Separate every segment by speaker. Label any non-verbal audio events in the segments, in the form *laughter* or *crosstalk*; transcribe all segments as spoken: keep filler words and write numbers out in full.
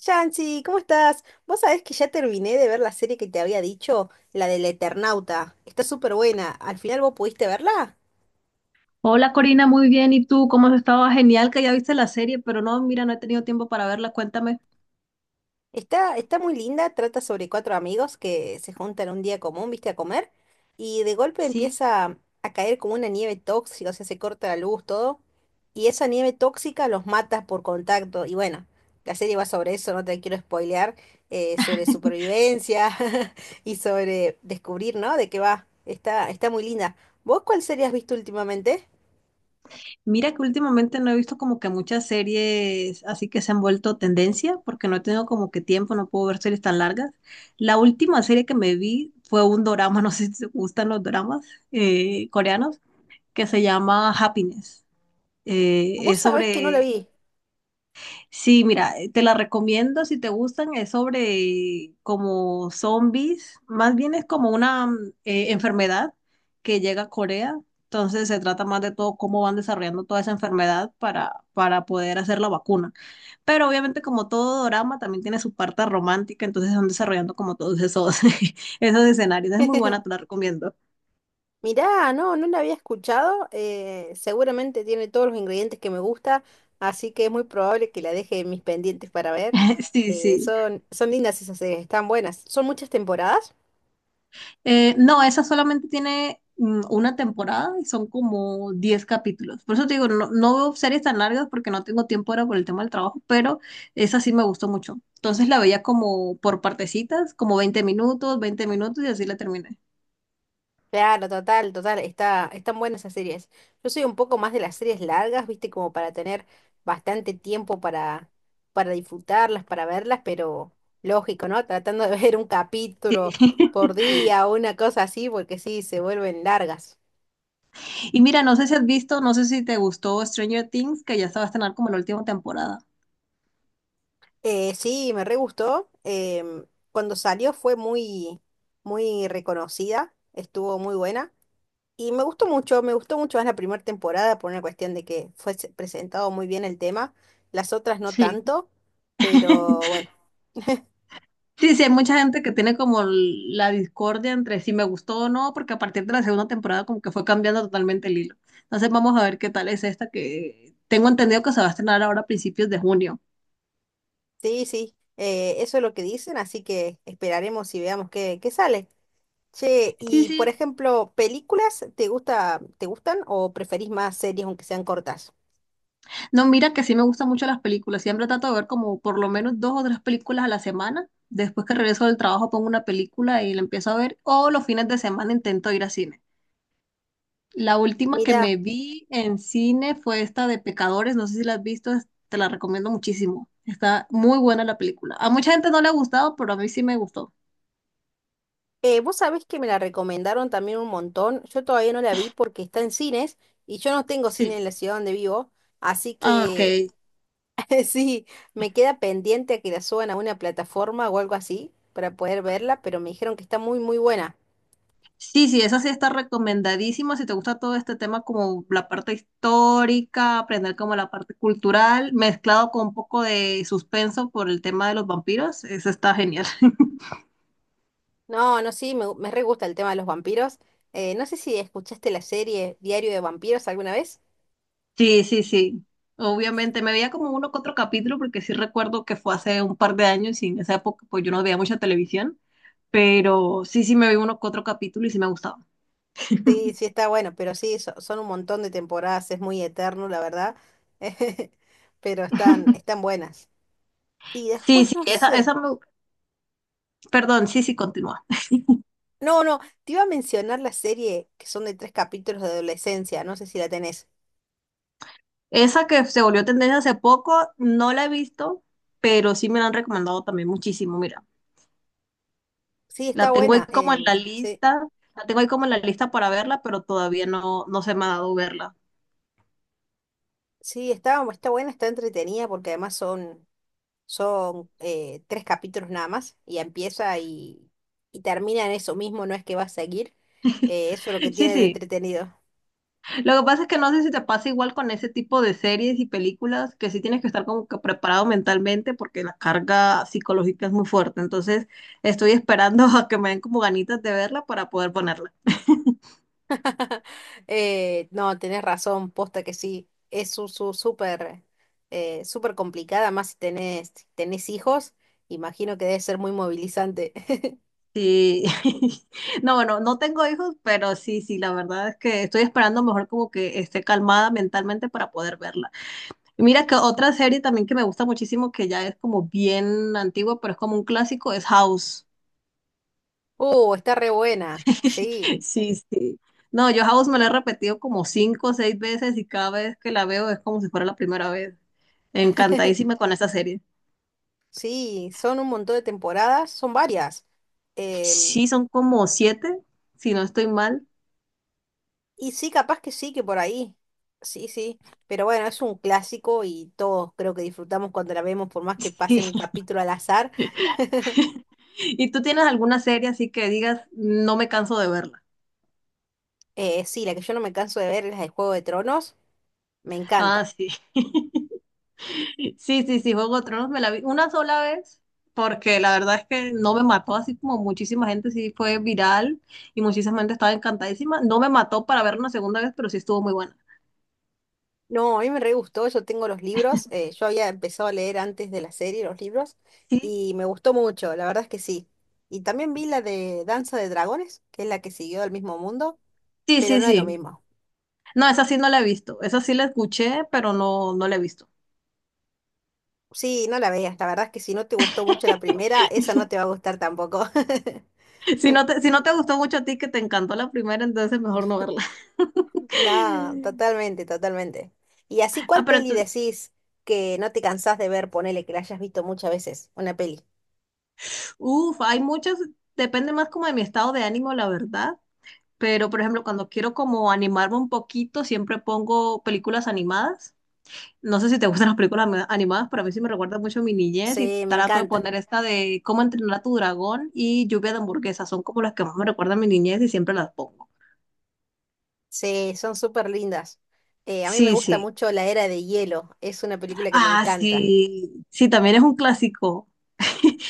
Speaker 1: Yancy, ¿cómo estás? Vos sabés que ya terminé de ver la serie que te había dicho, la del Eternauta. Está súper buena. ¿Al final vos pudiste verla?
Speaker 2: Hola Corina, muy bien. ¿Y tú cómo has estado? Genial que ya viste la serie, pero no, mira, no he tenido tiempo para verla. Cuéntame.
Speaker 1: Está, está muy linda, trata sobre cuatro amigos que se juntan un día común, viste, a comer, y de golpe
Speaker 2: Sí.
Speaker 1: empieza a caer como una nieve tóxica, o sea, se corta la luz, todo, y esa nieve tóxica los mata por contacto, y bueno, la serie va sobre eso, no te quiero spoilear, eh, sobre supervivencia *laughs* y sobre descubrir, ¿no? De qué va. Está, está muy linda. ¿Vos cuál serie has visto últimamente?
Speaker 2: Mira que últimamente no he visto como que muchas series así que se han vuelto tendencia, porque no he tenido como que tiempo, no puedo ver series tan largas. La última serie que me vi fue un dorama, *laughs* no sé si te gustan los doramas eh, coreanos, que se llama Happiness. Eh,
Speaker 1: Vos
Speaker 2: es
Speaker 1: sabés que no la
Speaker 2: sobre...
Speaker 1: vi.
Speaker 2: Sí, mira, eh, te la recomiendo si te gustan, es sobre como zombies, más bien es como una mm, eh, enfermedad que llega a Corea. Entonces se trata más de todo cómo van desarrollando toda esa enfermedad para, para poder hacer la vacuna. Pero obviamente como todo drama también tiene su parte romántica, entonces van desarrollando como todos esos, *laughs* esos escenarios. Es muy buena,
Speaker 1: *laughs*
Speaker 2: te la recomiendo.
Speaker 1: Mirá, no, no la había escuchado. Eh, seguramente tiene todos los ingredientes que me gusta, así que es muy probable que la deje en mis pendientes para ver.
Speaker 2: *laughs* Sí,
Speaker 1: Eh,
Speaker 2: sí.
Speaker 1: son, son lindas esas series, están buenas. ¿Son muchas temporadas?
Speaker 2: Eh, no, esa solamente tiene mm, una temporada y son como diez capítulos. Por eso te digo, no, no veo series tan largas porque no tengo tiempo ahora por el tema del trabajo, pero esa sí me gustó mucho. Entonces la veía como por partecitas, como veinte minutos, veinte minutos y así la terminé.
Speaker 1: Claro, total, total, está, están buenas esas series. Yo soy un poco más de las series largas, viste, como para tener bastante tiempo para, para disfrutarlas, para verlas, pero lógico, ¿no? Tratando de ver un
Speaker 2: Sí.
Speaker 1: capítulo por
Speaker 2: *laughs*
Speaker 1: día o una cosa así, porque sí, se vuelven largas.
Speaker 2: Y mira, no sé si has visto, no sé si te gustó Stranger Things, que ya se va a estrenar como la última temporada.
Speaker 1: Eh, sí, me re gustó. Em, cuando salió fue muy, muy reconocida, estuvo muy buena. Y me gustó mucho, me gustó mucho más la primera temporada por una cuestión de que fue se- presentado muy bien el tema. Las otras no
Speaker 2: Sí.
Speaker 1: tanto, pero bueno,
Speaker 2: Sí, sí, hay mucha gente que tiene como la discordia entre si me gustó o no, porque a partir de la segunda temporada como que fue cambiando totalmente el hilo. Entonces vamos a ver qué tal es esta que tengo entendido que se va a estrenar ahora a principios de junio.
Speaker 1: sí, sí, eh, eso es lo que dicen, así que esperaremos y veamos qué, qué sale. Che,
Speaker 2: Sí,
Speaker 1: y por
Speaker 2: sí.
Speaker 1: ejemplo, ¿películas te gusta, te gustan o preferís más series aunque sean cortas?
Speaker 2: No, mira que sí me gustan mucho las películas. Siempre trato de ver como por lo menos dos o tres películas a la semana. Después que regreso del trabajo pongo una película y la empiezo a ver. O los fines de semana intento ir a cine. La última que me
Speaker 1: Mira.
Speaker 2: vi en cine fue esta de Pecadores, no sé si la has visto, es- te la recomiendo muchísimo. Está muy buena la película. A mucha gente no le ha gustado, pero a mí sí me gustó.
Speaker 1: Eh, vos sabés que me la recomendaron también un montón. Yo todavía no la vi porque está en cines y yo no tengo cine
Speaker 2: Sí.
Speaker 1: en la ciudad donde vivo. Así
Speaker 2: Ah, ok.
Speaker 1: que *laughs* sí, me queda pendiente a que la suban a una plataforma o algo así para poder verla, pero me dijeron que está muy, muy buena.
Speaker 2: Sí, sí, esa sí está recomendadísima. Si te gusta todo este tema, como la parte histórica, aprender como la parte cultural, mezclado con un poco de suspenso por el tema de los vampiros, eso está genial. *laughs*
Speaker 1: No, no, sí, me, gu- me re gusta el tema de los vampiros. Eh, no sé si escuchaste la serie Diario de Vampiros alguna vez.
Speaker 2: Sí, sí, sí. Obviamente me veía como uno que otro capítulo porque sí recuerdo que fue hace un par de años y en esa época pues yo no veía mucha televisión, pero sí, sí me vi uno que otro capítulo y sí me gustaba.
Speaker 1: Sí, sí está bueno, pero sí, so- son un montón de temporadas, es muy eterno, la verdad. *laughs* Pero están,
Speaker 2: *laughs*
Speaker 1: están buenas. Y
Speaker 2: Sí,
Speaker 1: después
Speaker 2: sí,
Speaker 1: no
Speaker 2: esa,
Speaker 1: sé.
Speaker 2: esa, me- perdón, sí, sí, continúa.
Speaker 1: No, no, te iba a mencionar la serie que son de tres capítulos de adolescencia, no sé si la tenés.
Speaker 2: Esa que se volvió tendencia hace poco, no la he visto, pero sí me la han recomendado también muchísimo, mira.
Speaker 1: Sí, está
Speaker 2: La tengo ahí
Speaker 1: buena,
Speaker 2: como en la
Speaker 1: em, sí,
Speaker 2: lista, la tengo ahí como en la lista para verla, pero todavía no, no se me ha dado verla.
Speaker 1: sí, está, está buena, está entretenida porque además son, son eh, tres capítulos nada más y empieza y, y termina en eso mismo, no es que va a seguir, eh, eso es lo que
Speaker 2: *laughs* Sí,
Speaker 1: tiene de
Speaker 2: sí.
Speaker 1: entretenido.
Speaker 2: Lo que pasa es que no sé si te pasa igual con ese tipo de series y películas, que sí tienes que estar como que preparado mentalmente porque la carga psicológica es muy fuerte. Entonces, estoy esperando *laughs* a que me den como ganitas de verla para poder ponerla.
Speaker 1: *laughs* Eh, no, tenés razón, posta que sí, es su, su- súper eh, súper complicada, más si tenés, si tenés hijos, imagino que debe ser muy movilizante. *laughs*
Speaker 2: Sí. *laughs* No, bueno, no tengo hijos, pero sí, sí, la verdad es que estoy esperando mejor como que esté calmada mentalmente para poder verla. Y mira que otra serie también que me gusta muchísimo, que ya es como bien antigua, pero es como un clásico, es House.
Speaker 1: Oh, está re buena. Sí,
Speaker 2: Sí, sí. No, yo House me la he repetido como cinco o seis veces y cada vez que la veo es como si fuera la primera vez. Encantadísima con esta serie.
Speaker 1: sí, son un montón de temporadas, son varias. Em,
Speaker 2: Sí, son como siete, si no estoy mal.
Speaker 1: y sí, capaz que sí, que por ahí. Sí, sí. Pero bueno, es un clásico y todos creo que disfrutamos cuando la vemos, por más que pase
Speaker 2: Sí.
Speaker 1: un capítulo al azar.
Speaker 2: *laughs* ¿Y tú tienes alguna serie así que digas, no me canso de verla?
Speaker 1: Eh, sí, la que yo no me canso de ver es la de Juego de Tronos. Me
Speaker 2: Ah,
Speaker 1: encanta.
Speaker 2: sí. *laughs* Sí, sí, sí, Juego de Tronos me la vi una sola vez, porque la verdad es que no me mató, así como muchísima gente sí fue viral y muchísima gente estaba encantadísima. No me mató para ver una segunda vez, pero sí estuvo muy buena.
Speaker 1: No, a mí me re gustó, yo tengo los libros. Eh, yo había empezado a leer antes de la serie los libros
Speaker 2: Sí.
Speaker 1: y me gustó mucho, la verdad es que sí. Y también vi la de Danza de Dragones, que es la que siguió al mismo mundo,
Speaker 2: Sí,
Speaker 1: pero
Speaker 2: sí,
Speaker 1: no es lo
Speaker 2: sí.
Speaker 1: mismo.
Speaker 2: No, esa sí no la he visto. Esa sí la escuché, pero no, no la he visto. *laughs*
Speaker 1: Sí, no la veas. La verdad es que si no te gustó mucho la primera, esa no te va a gustar tampoco. *laughs*
Speaker 2: Si no te, si no te gustó mucho a ti, que te encantó la primera, entonces mejor no verla.
Speaker 1: No,
Speaker 2: *laughs*
Speaker 1: totalmente, totalmente. Y así,
Speaker 2: Ah,
Speaker 1: ¿cuál
Speaker 2: pero
Speaker 1: peli
Speaker 2: entonces,
Speaker 1: decís que no te cansás de ver? Ponele que la hayas visto muchas veces, una peli.
Speaker 2: uff, hay muchas, depende más como de mi estado de ánimo, la verdad. Pero, por ejemplo, cuando quiero como animarme un poquito, siempre pongo películas animadas. No sé si te *laughs* gustan las películas ama- animadas, pero a mí sí me recuerda mucho a mi niñez y
Speaker 1: Sí, me
Speaker 2: trato de
Speaker 1: encantan.
Speaker 2: poner esta de Cómo entrenar a tu dragón y Lluvia de hamburguesas. Son como las que más me recuerdan a mi niñez y siempre las pongo.
Speaker 1: Sí, son súper lindas. Eh, a mí me
Speaker 2: Sí,
Speaker 1: gusta
Speaker 2: sí.
Speaker 1: mucho La Era de Hielo. Es una película que me
Speaker 2: Ah,
Speaker 1: encanta.
Speaker 2: sí. Sí, también es un clásico. *laughs*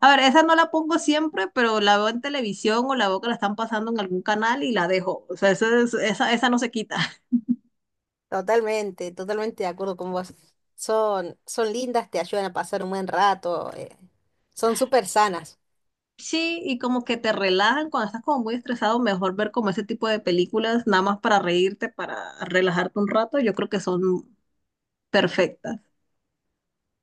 Speaker 2: A ver, esa no la pongo siempre, pero la veo en televisión o la veo que la están pasando en algún canal y la dejo. O sea, esa, es- esa, esa no se quita. *laughs*
Speaker 1: Totalmente, totalmente de acuerdo con vos. Son, son lindas, te ayudan a pasar un buen rato. Eh, son súper sanas.
Speaker 2: Sí, y como que te relajan cuando estás como muy estresado, mejor ver como ese tipo de películas, nada más para reírte, para relajarte un rato, yo creo que son perfectas.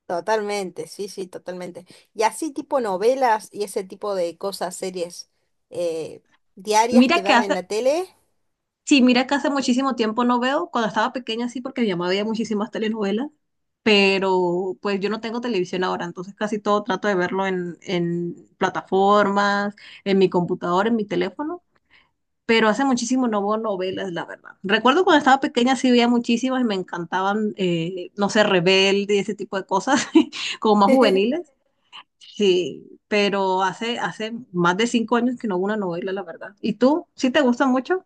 Speaker 1: Totalmente, sí, sí, totalmente. Y así tipo novelas y ese tipo de cosas, series eh, diarias que
Speaker 2: Mira que
Speaker 1: dan en
Speaker 2: hace
Speaker 1: la tele.
Speaker 2: Sí, mira que hace muchísimo tiempo no veo, cuando estaba pequeña sí, porque mi mamá veía muchísimas telenovelas, pero pues yo no tengo televisión ahora, entonces casi todo trato de verlo en, en plataformas, en mi computadora, en mi teléfono, pero hace muchísimo no veo novelas, la verdad. Recuerdo cuando estaba pequeña sí veía muchísimas y me encantaban, eh, no sé, Rebelde y ese tipo de cosas, *laughs* como más
Speaker 1: *laughs*
Speaker 2: juveniles, sí, pero hace, hace más de cinco años que no veo una novela, la verdad. ¿Y tú? ¿Sí te gusta mucho?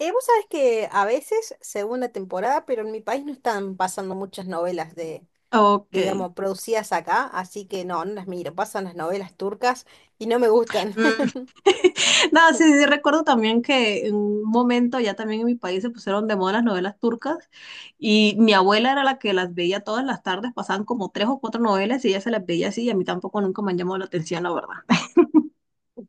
Speaker 1: Eh, vos sabés que a veces, según la temporada, pero en mi país no están pasando muchas novelas de,
Speaker 2: Ok.
Speaker 1: digamos, producidas acá, así que no, no las miro. Pasan las novelas turcas y no me gustan. *laughs*
Speaker 2: No, sí, sí, recuerdo también que en un momento ya también en mi país se pusieron de moda las novelas turcas y mi abuela era la que las veía todas las tardes, pasaban como tres o cuatro novelas y ella se las veía así y a mí tampoco nunca me han llamado la atención, la verdad. *laughs*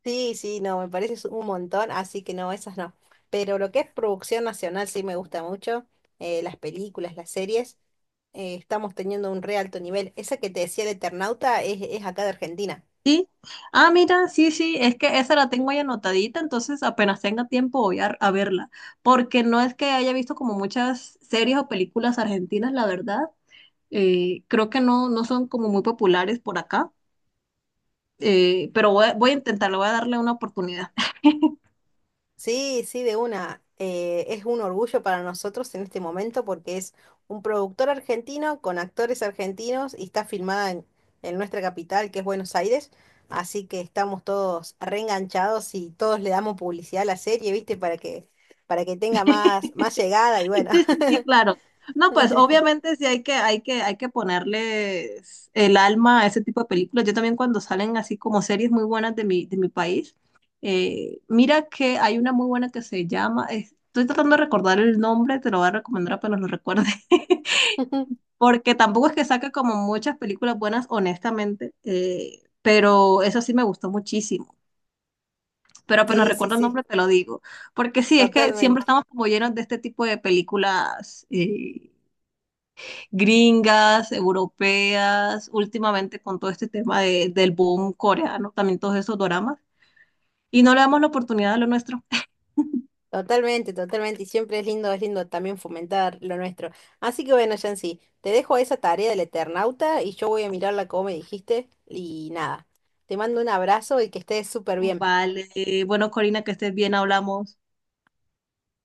Speaker 1: Sí, sí, no, me parece es un montón, así que no, esas no. Pero lo que es producción nacional sí me gusta mucho, eh, las películas, las series. Eh, estamos teniendo un re alto nivel. Esa que te decía el Eternauta es, es acá de Argentina.
Speaker 2: Sí, ah, mira, sí, sí, es que esa la tengo ahí anotadita, entonces apenas tenga tiempo voy a, a verla, porque no es que haya visto como muchas series o películas argentinas, la verdad, eh, creo que no, no son como muy populares por acá, eh, pero voy, a- voy a intentarlo, voy a darle una oportunidad. *laughs*
Speaker 1: Sí, sí, de una. Eh, es un orgullo para nosotros en este momento porque es un productor argentino con actores argentinos y está filmada en, en nuestra capital, que es Buenos Aires. Así que estamos todos reenganchados y todos le damos publicidad a la serie, ¿viste? Para que, para que tenga más, más llegada y
Speaker 2: Sí,
Speaker 1: bueno.
Speaker 2: sí, sí, claro. No, pues
Speaker 1: *laughs*
Speaker 2: obviamente sí hay que, hay que, hay que ponerles el alma a ese tipo de películas. Yo también cuando salen así como series muy buenas de mi, de mi país, eh, mira que hay una muy buena que se llama, estoy tratando de recordar el nombre, te lo voy a recomendar apenas lo recuerde, *laughs* porque tampoco es que saca como muchas películas buenas, honestamente, eh, pero eso sí me gustó muchísimo, pero apenas
Speaker 1: Sí, sí,
Speaker 2: recuerdo el
Speaker 1: sí,
Speaker 2: nombre te lo digo. Porque sí, es que siempre
Speaker 1: totalmente.
Speaker 2: estamos como llenos de este tipo de películas eh, gringas, europeas, últimamente con todo este tema de- del boom coreano, también todos esos doramas, y no le damos la oportunidad a lo nuestro. *laughs*
Speaker 1: Totalmente, totalmente, y siempre es lindo, es lindo, también fomentar lo nuestro. Así que bueno, Yancy, te dejo esa tarea del Eternauta y yo voy a mirarla como me dijiste y nada, te mando un abrazo y que estés súper bien.
Speaker 2: Vale, bueno, Corina, que estés bien, hablamos.